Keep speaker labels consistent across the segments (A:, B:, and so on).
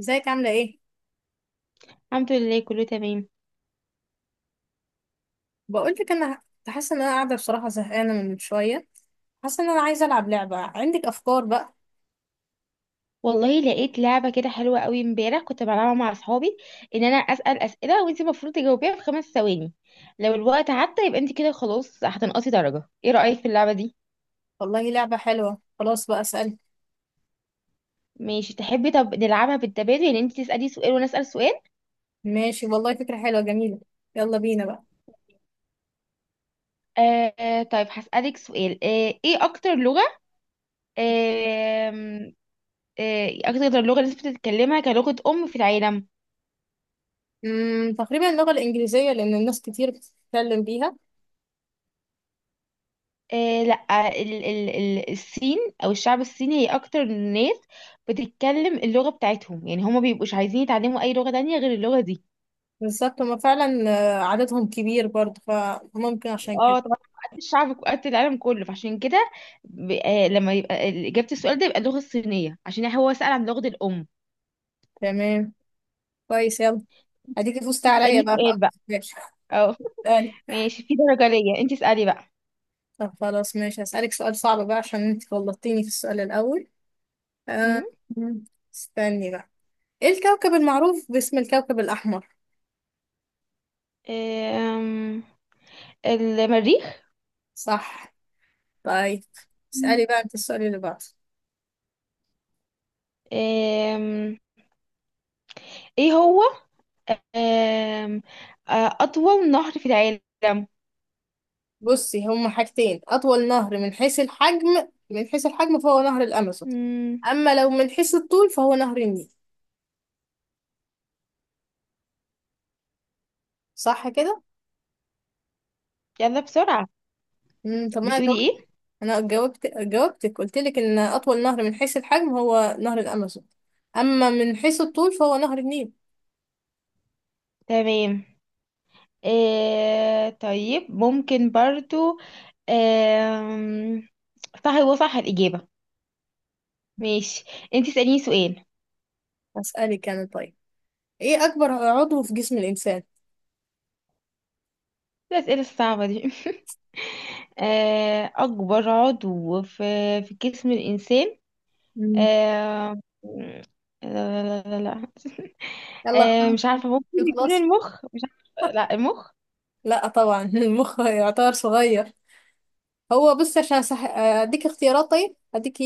A: ازيك عاملة ايه؟
B: الحمد لله كله تمام.
A: بقولك، انا كنت حاسة ان انا قاعدة بصراحة زهقانة من شوية. حاسة ان انا عايزة العب لعبة. عندك افكار بقى؟
B: والله لقيت لعبة كده حلوة قوي، امبارح كنت بلعبها مع اصحابي. ان انا اسأل اسئلة وانت المفروض تجاوبيها في 5 ثواني، لو الوقت عدى يبقى انت كده خلاص هتنقصي درجة. ايه رأيك في اللعبة دي؟
A: والله لعبة حلوة، خلاص بقى اسأل.
B: ماشي، تحبي طب نلعبها بالتبادل يعني انت تسألي سؤال وانا اسأل سؤال.
A: ماشي، والله فكرة حلوة جميلة. يلا بينا بقى.
B: طيب هسألك سؤال. ايه آه اكتر لغة الناس بتتكلمها كلغة ام في العالم؟
A: تقريبا اللغة الانجليزية، لان الناس كتير بتتكلم بيها.
B: لا، ال ال ال الصين او الشعب الصيني هي اكتر ناس بتتكلم اللغه بتاعتهم، يعني هما بيبقوش عايزين يتعلموا اي لغه تانية غير اللغه دي.
A: بالظبط هما فعلا. عددهم كبير برضه، فممكن عشان
B: اه
A: كده.
B: طبعا. قد الشعب قد العالم كله، فعشان كده لما يبقى اجابه السؤال ده يبقى اللغه الصينيه، عشان هو سأل عن لغه الام.
A: تمام، كويس، يلا. اديك فزت
B: انت
A: عليا
B: اسالني
A: بقى في
B: سؤال
A: اكتر.
B: بقى.
A: ماشي.
B: اه.
A: اسألي.
B: ماشي، في درجه ليا، انت اسالي بقى.
A: طب خلاص ماشي، هسألك سؤال صعب بقى عشان انت غلطتيني في السؤال الاول. آه،
B: أمم،
A: استني بقى. ايه الكوكب المعروف باسم الكوكب الأحمر؟
B: آم، المريخ.
A: صح. طيب
B: مم.
A: اسألي بقى انت السؤال اللي بعده.
B: آم، ايه هو آم، آه، أطول نهر في العالم؟
A: بصي، هما حاجتين: أطول نهر من حيث الحجم، من حيث الحجم فهو نهر الأمازون.
B: مم،
A: أما لو من حيث الطول فهو نهر النيل. صح كده؟
B: يلا بسرعة.
A: طب ما أنا
B: بتقولي
A: جاوبت
B: إيه؟
A: أنا جاوبت جاوبتك، قلت لك إن أطول نهر من حيث الحجم هو نهر الأمازون، أما من حيث الطول فهو نهر النيل.
B: تمام. طيب ممكن برضو. آم، صح، هو صح الإجابة. ماشي، انتي اسأليني سؤال.
A: أسألك أنا طيب. إيه أكبر عضو في جسم الإنسان؟
B: الأسئلة الصعبة دي أكبر عضو في جسم الإنسان. آه، لا، لا، لا، لا، لا.
A: يلا، الخمس
B: مش
A: دقايق
B: عارفة ممكن يكون
A: يخلص.
B: المخ، مش عارفة، لا المخ.
A: لا طبعا المخ يعتبر صغير. هو بص عشان اديك اختيارات. طيب اديكي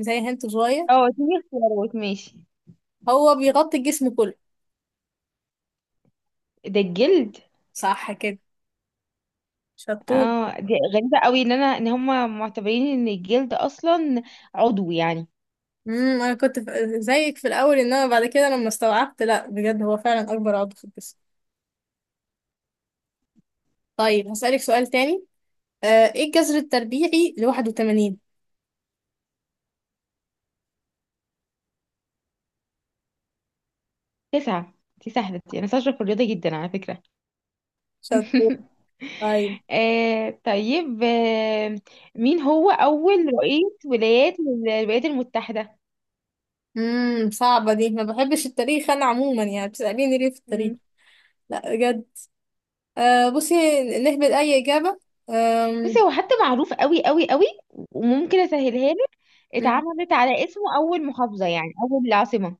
A: زي هنت صغير.
B: اه، اديني اختيارات، ماشي.
A: هو بيغطي الجسم كله.
B: ده الجلد.
A: صح كده، شطور.
B: اه، دي غريبة قوي ان هم معتبرين ان الجلد اصلا عضو يعني.
A: انا كنت زيك في الاول، انما بعد كده لما استوعبت، لا بجد هو فعلا اكبر عضو في الجسم. طيب هسألك سؤال تاني. آه، ايه الجذر التربيعي ل 81؟
B: تسعة. دي سهلة دي، انا شاطرة في الرياضة جدا على فكرة.
A: شطور. طيب.
B: طيب. مين هو اول رئيس ولايات الولايات المتحدة؟
A: صعبة دي، ما بحبش التاريخ انا عموما. يعني بتسأليني ليه في التاريخ؟
B: مم.
A: لا بجد. آه بصي، نهبط أي إجابة.
B: بصي،
A: آم،
B: هو حتى معروف قوي قوي قوي، وممكن اسهلها لك.
A: مم.
B: اتعملت على اسمه اول محافظة، يعني اول عاصمة.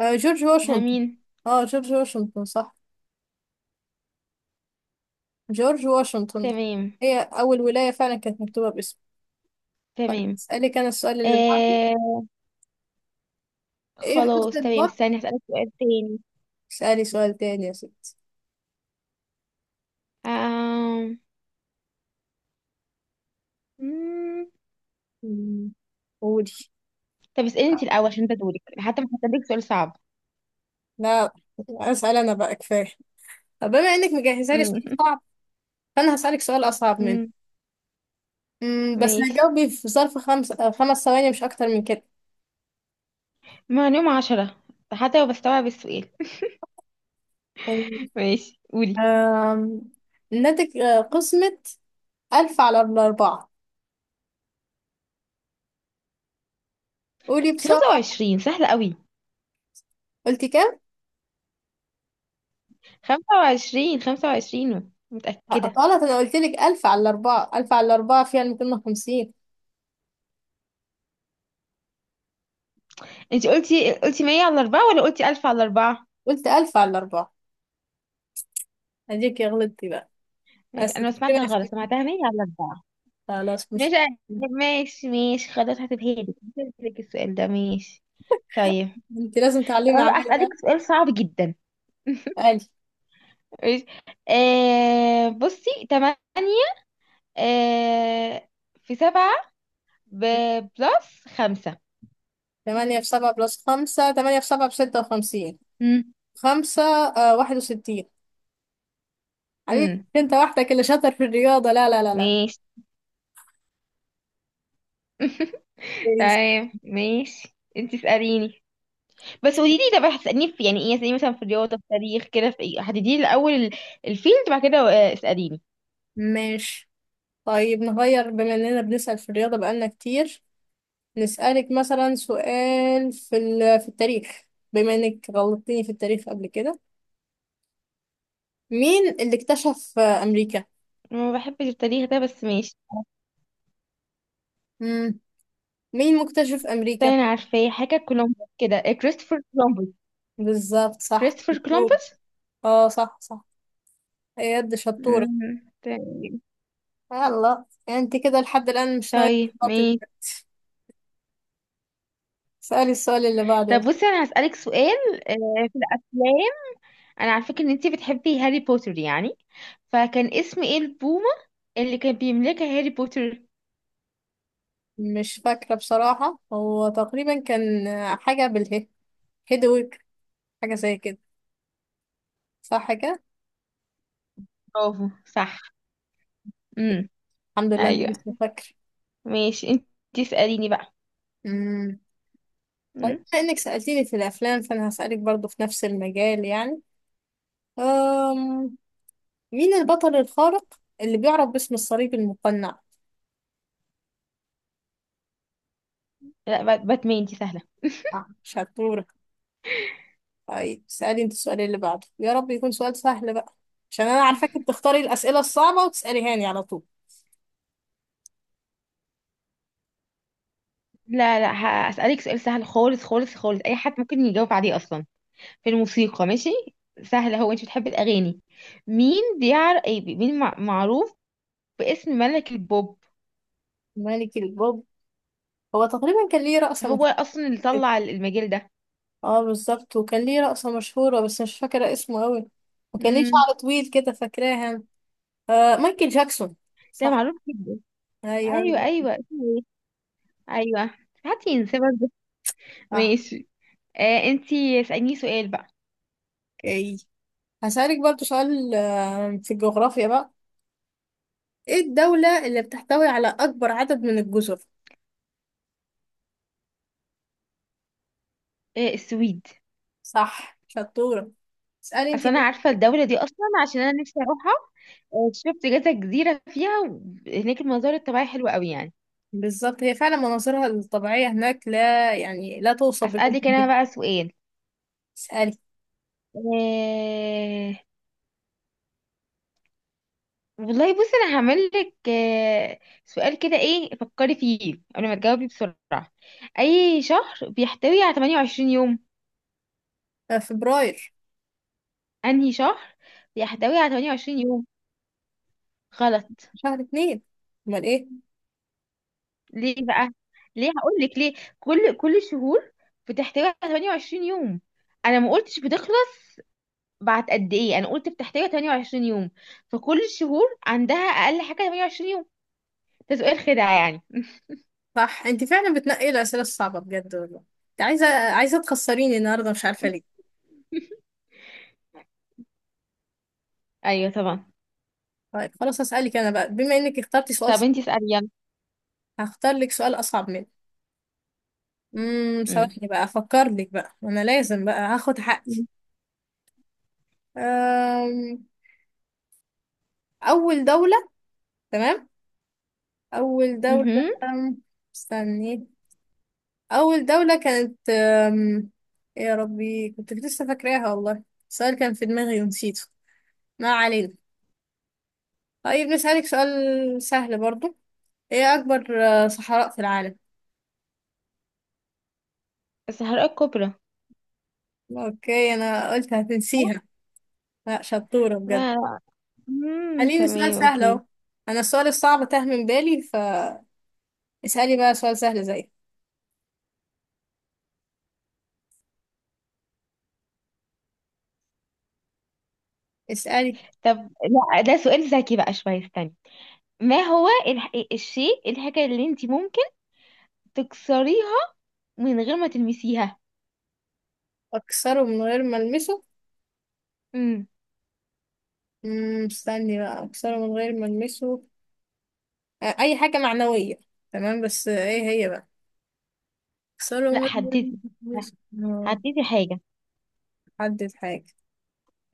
A: آه، جورج
B: ها،
A: واشنطن.
B: مين؟
A: اه جورج واشنطن، صح. جورج واشنطن
B: تمام.
A: هي أول ولاية فعلا كانت مكتوبة باسمه. طيب
B: تمام.
A: اسألك أنا السؤال اللي بعده.
B: آه،
A: إيه حرف
B: خلاص تمام،
A: الضاد؟
B: استني هسألك سؤال تاني.
A: اسألي سؤال تاني يا ستي.
B: آم... مم.
A: مم، قولي.
B: طب اسألي انت الأول، عشان ده دورك، حتى مش هسألك سؤال صعب.
A: لا أسأل أنا بقى، كفاية. طب بما إنك مجهزة لي
B: مم.
A: سؤال صعب، فأنا هسألك سؤال أصعب منه.
B: مم.
A: بس
B: ماشي،
A: هتجاوبي في ظرف خمس ثواني مش أكتر من كده.
B: معلومة 10، حتى لو بستوعب السؤال. ماشي قولي.
A: آم، إنها تك- آه، قسمة 1000 على 4. قولي
B: انت
A: بسرعة.
B: 25 سهلة قوي.
A: قلت كام؟
B: 25، 25 متأكدة.
A: غلط. أنا قلت لك ألف على الأربعة، ألف على الأربعة فيها 250.
B: انت قلتي 100 على 4 ولا قلتي 1000 على 4؟
A: قلت ألف على الأربعة. أديك يا غلطتي بقى.
B: ماشي،
A: بس
B: انا ما سمعتها غلط، سمعتها 100 على 4.
A: خلاص مش.
B: ماشي، ماشي، ماشي، خلاص، هسيبها لك، هسيبها لك السؤال ده. ماشي. طيب.
A: أنت لازم
B: طب
A: تعلمي
B: أنا بقى
A: عليا
B: أسألك
A: بقى.
B: سؤال صعب جدا.
A: ألف.
B: ماشي. بصي، تمانية آه في سبعة بلس خمسة.
A: تمانية في سبعة بلس خمسة. تمانية في سبعة ب 56.
B: مم.
A: خمسة، 61. عليك
B: امم
A: أنت وحدك اللي شاطر في الرياضة، لا لا لا لا.
B: ماشي. تمام، ماشي، انت اسأليني. بس قولي لي، طب هتسأليني في يعني ايه، اسأليني مثلا في الرياضة في التاريخ كده، في ايه هتديني الأول الفيلد بعد كده، اسأليني.
A: ماشي. طيب نغير، بما إننا بنسأل في الرياضة بقالنا كتير، نسألك مثلا سؤال في التاريخ. بما انك غلطتني في التاريخ قبل كده، مين اللي اكتشف امريكا؟
B: أنا ما بحبش التاريخ ده بس ماشي.
A: مم. مين مكتشف امريكا؟
B: استني انا عارفاه، حاجة كولومبوس كده، كريستوفر كولومبوس.
A: بالظبط صح،
B: كريستوفر
A: شطور.
B: كولومبوس.
A: اه صح صح، يد شطورة.
B: مم، تمام.
A: يلا انت كده لحد الآن مش ناوية
B: طيب
A: تغلطي.
B: ماشي.
A: سألي السؤال اللي بعده.
B: طب بصي، انا هسألك سؤال، في الافلام. انا عارفه ان انتي بتحبي هاري بوتر يعني. فكان اسم ايه البومه اللي كان بيملكها هاري بوتر؟
A: مش فاكرة بصراحة. هو تقريبا كان حاجة بالهي، هيدويك، حاجة زي كده، صح كده؟
B: برافو، صح. امم
A: الحمد لله اني
B: ايوه.
A: لسه فاكرة.
B: ماشي، انتي اسأليني بقى.
A: طيب
B: امم
A: بما انك سألتيني في الافلام، فانا هسألك برضو في نفس المجال يعني. أم... مين البطل الخارق اللي بيعرف باسم الصليب المقنع؟
B: لا، باتمان دي سهله.
A: آه شطورة. طيب سألي انت السؤال اللي بعده، يا رب يكون سؤال سهل بقى، عشان انا عارفاك بتختاري الأسئلة الصعبة وتسأليهاني على طول.
B: لا، لا، هسألك سؤال سهل خالص خالص خالص، اي حد ممكن يجاوب عليه اصلا. في الموسيقى، ماشي، سهله. هو انت بتحبي الاغاني. مين بيعرف ايه مين معروف باسم ملك البوب؟
A: ملك البوب. هو تقريبا كان ليه رقصة مشهورة.
B: هو اصلا اللي طلع المجال
A: اه بالظبط، وكان ليه رقصة مشهورة بس مش فاكرة اسمه قوي.
B: ده.
A: وكان ليه شعر طويل كده، فاكراها. آه، مايكل جاكسون.
B: ده
A: صح.
B: معروف جدا. ايوه،
A: ايوه
B: ايوه، اسمه ايه. ايوه. حد ينسى برضه.
A: صح.
B: ماشي. انتي اسأليني سؤال بقى.
A: اوكي، هسألك برضو سؤال في الجغرافيا بقى. ايه الدولة اللي بتحتوي على أكبر عدد من الجزر؟
B: السويد.
A: صح، شطورة. اسألي
B: اصل
A: انتي
B: انا
A: بقى.
B: عارفه الدوله دي اصلا، عشان انا نفسي اروحها. شفت كذا جزيره فيها، هناك المناظر الطبيعيه حلوه قوي يعني.
A: بالظبط هي فعلا مناظرها الطبيعية هناك لا يعني لا توصف، بجد
B: هسألك انا
A: بجد.
B: بقى سؤال.
A: اسألي.
B: آه والله بصي، انا هعمل لك سؤال كده، ايه فكري فيه قبل ما تجاوبي بسرعه. اي شهر بيحتوي على 28 يوم؟
A: آه، فبراير.
B: انهي شهر بيحتوي على 28 يوم؟ غلط.
A: شهر 2. امال ايه؟
B: ليه بقى؟ ليه، هقول لك ليه. كل الشهور بتحتوي على 28 يوم. انا ما قلتش بتخلص بعد قد ايه. انا قلت بتحتوي على 28 يوم. فكل الشهور عندها اقل حاجه 28 يوم. ده سؤال خدعه يعني.
A: صح، انتي فعلا بتنقي الأسئلة الصعبة بجد والله. انت عايزة تخسريني النهاردة، مش عارفة ليه.
B: ايوه طبعا.
A: طيب خلاص هسألك أنا بقى، بما إنك اخترتي سؤال
B: طب انتي
A: صعب،
B: اسالي يلا.
A: هختار لك سؤال أصعب منه.
B: امم
A: ثواني بقى أفكر لك بقى. أنا لازم بقى هاخد حقي. أم، أول دولة. تمام. أول دولة.
B: امم
A: أم، استني. أول دولة كانت، يا ربي كنت لسه فاكراها والله. السؤال كان في دماغي ونسيته. ما علينا. طيب نسألك سؤال سهل برضو. إيه أكبر صحراء في العالم؟
B: الصحراء الكبرى.
A: أوكي أنا قلت هتنسيها. لا شطورة بجد.
B: لا، لا.
A: خليني سؤال
B: تمام،
A: سهل
B: اوكي.
A: أهو. أنا السؤال الصعب تاه من بالي، فاسألي بقى سؤال سهل زي. اسألي.
B: طب لا، ده سؤال ذكي بقى شويه، استني. ما هو الشيء، الحاجه اللي انتي ممكن تكسريها من غير ما تلمسيها؟
A: أكسره من غير ما ألمسه؟
B: امم
A: استني بقى. اكسره من غير ما المسه. آه، اي حاجه معنويه. تمام، بس ايه هي بقى؟ اكسره
B: لا،
A: من غير ما
B: حددي.
A: المسه. آه،
B: حددي حاجة.
A: حدد حاجه.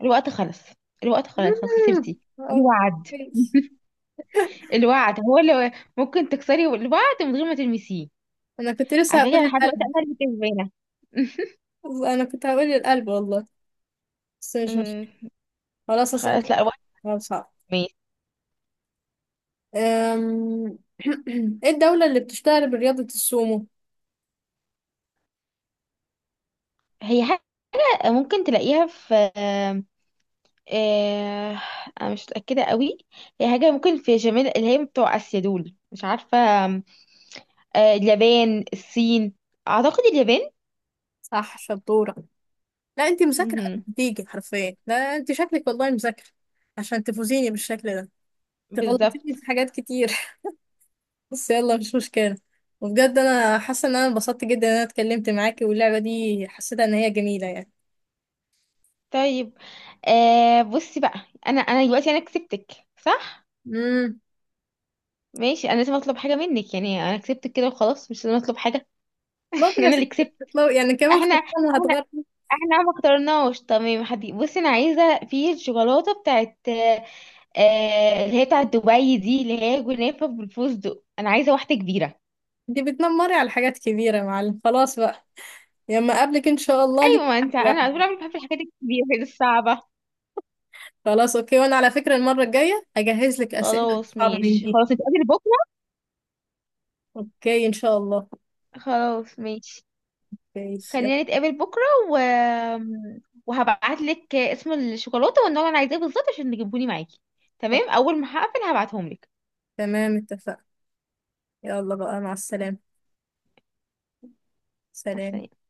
B: الوقت خلص. الوقت خلاص، خلاص
A: مم،
B: خسرتي.
A: آه،
B: الوعد.
A: كويس.
B: الوعد هو اللي ممكن تكسري الوعد من غير ما تلمسيه.
A: انا كنت لسه
B: على فكرة،
A: هقول
B: لحد دلوقتي
A: القلب.
B: انا اللي كسبانة.
A: انا كنت هقول القلب والله، بس مش
B: أمم،
A: خلاص. اسالك
B: خلاص، لا، الوعد.
A: سؤال صعب.
B: ماشي.
A: أم، ايه الدوله اللي بتشتهر برياضه السومو؟
B: هي حاجة ممكن تلاقيها في، آه، انا مش متأكدة قوي. هي حاجة ممكن في جميل اللي هي بتوع اسيا دول، مش عارفة. آم، اليابان، الصين. اعتقد اليابان.
A: صح، شطوره. لا انت مذاكره،
B: مهم.
A: بتيجي حرفيا، لا انت شكلك والله مذاكره، عشان تفوزيني بالشكل ده، تغلطيني
B: بالظبط.
A: في حاجات كتير. بس يلا مش مشكلة. وبجد انا حاسة ان انا انبسطت جدا ان انا اتكلمت معاكي، واللعبة دي حسيتها ان هي جميلة يعني.
B: طيب. بصي بقى. انا دلوقتي انا كسبتك، صح؟
A: امم
B: ماشي، انا لازم اطلب حاجه منك يعني. انا كسبتك كده وخلاص، مش لازم اطلب حاجه.
A: طب يا
B: انا
A: ستي
B: اللي كسبت.
A: اطلعي. يعني كمان
B: احنا
A: خلصانة
B: احنا
A: هتغرب.
B: احنا ما اخترناش تمام حدي. بصي، انا عايزه في الشوكولاته بتاعت اللي هي بتاعت دبي دي، اللي هي جنافه بالفستق، انا عايزه واحده كبيره.
A: دي بتنمري على حاجات كبيرة يا معلم، خلاص بقى، لما اقابلك ان شاء الله ليك
B: ايوه، ما انت
A: تحدي
B: انا على طول
A: واحد.
B: عمري بحب الحاجات الكبيره الصعبه.
A: خلاص اوكي، وانا على فكرة المرة الجاية هجهز لك اسئلة
B: خلاص
A: صعبة من
B: ماشي،
A: دي.
B: خلاص نتقابل بكره.
A: اوكي ان شاء الله.
B: خلاص ماشي.
A: اوكي
B: خلينا
A: يلا.
B: نتقابل بكرة و... وهبعت لك اسم الشوكولاتة والنوع اللي انا عايزاه بالظبط عشان تجيبهوني معاكي. تمام، اول ما هقفل هبعتهم لك.
A: تمام اتفقنا. يلا بقى، مع السلامة.
B: مع
A: سلام.
B: السلامة.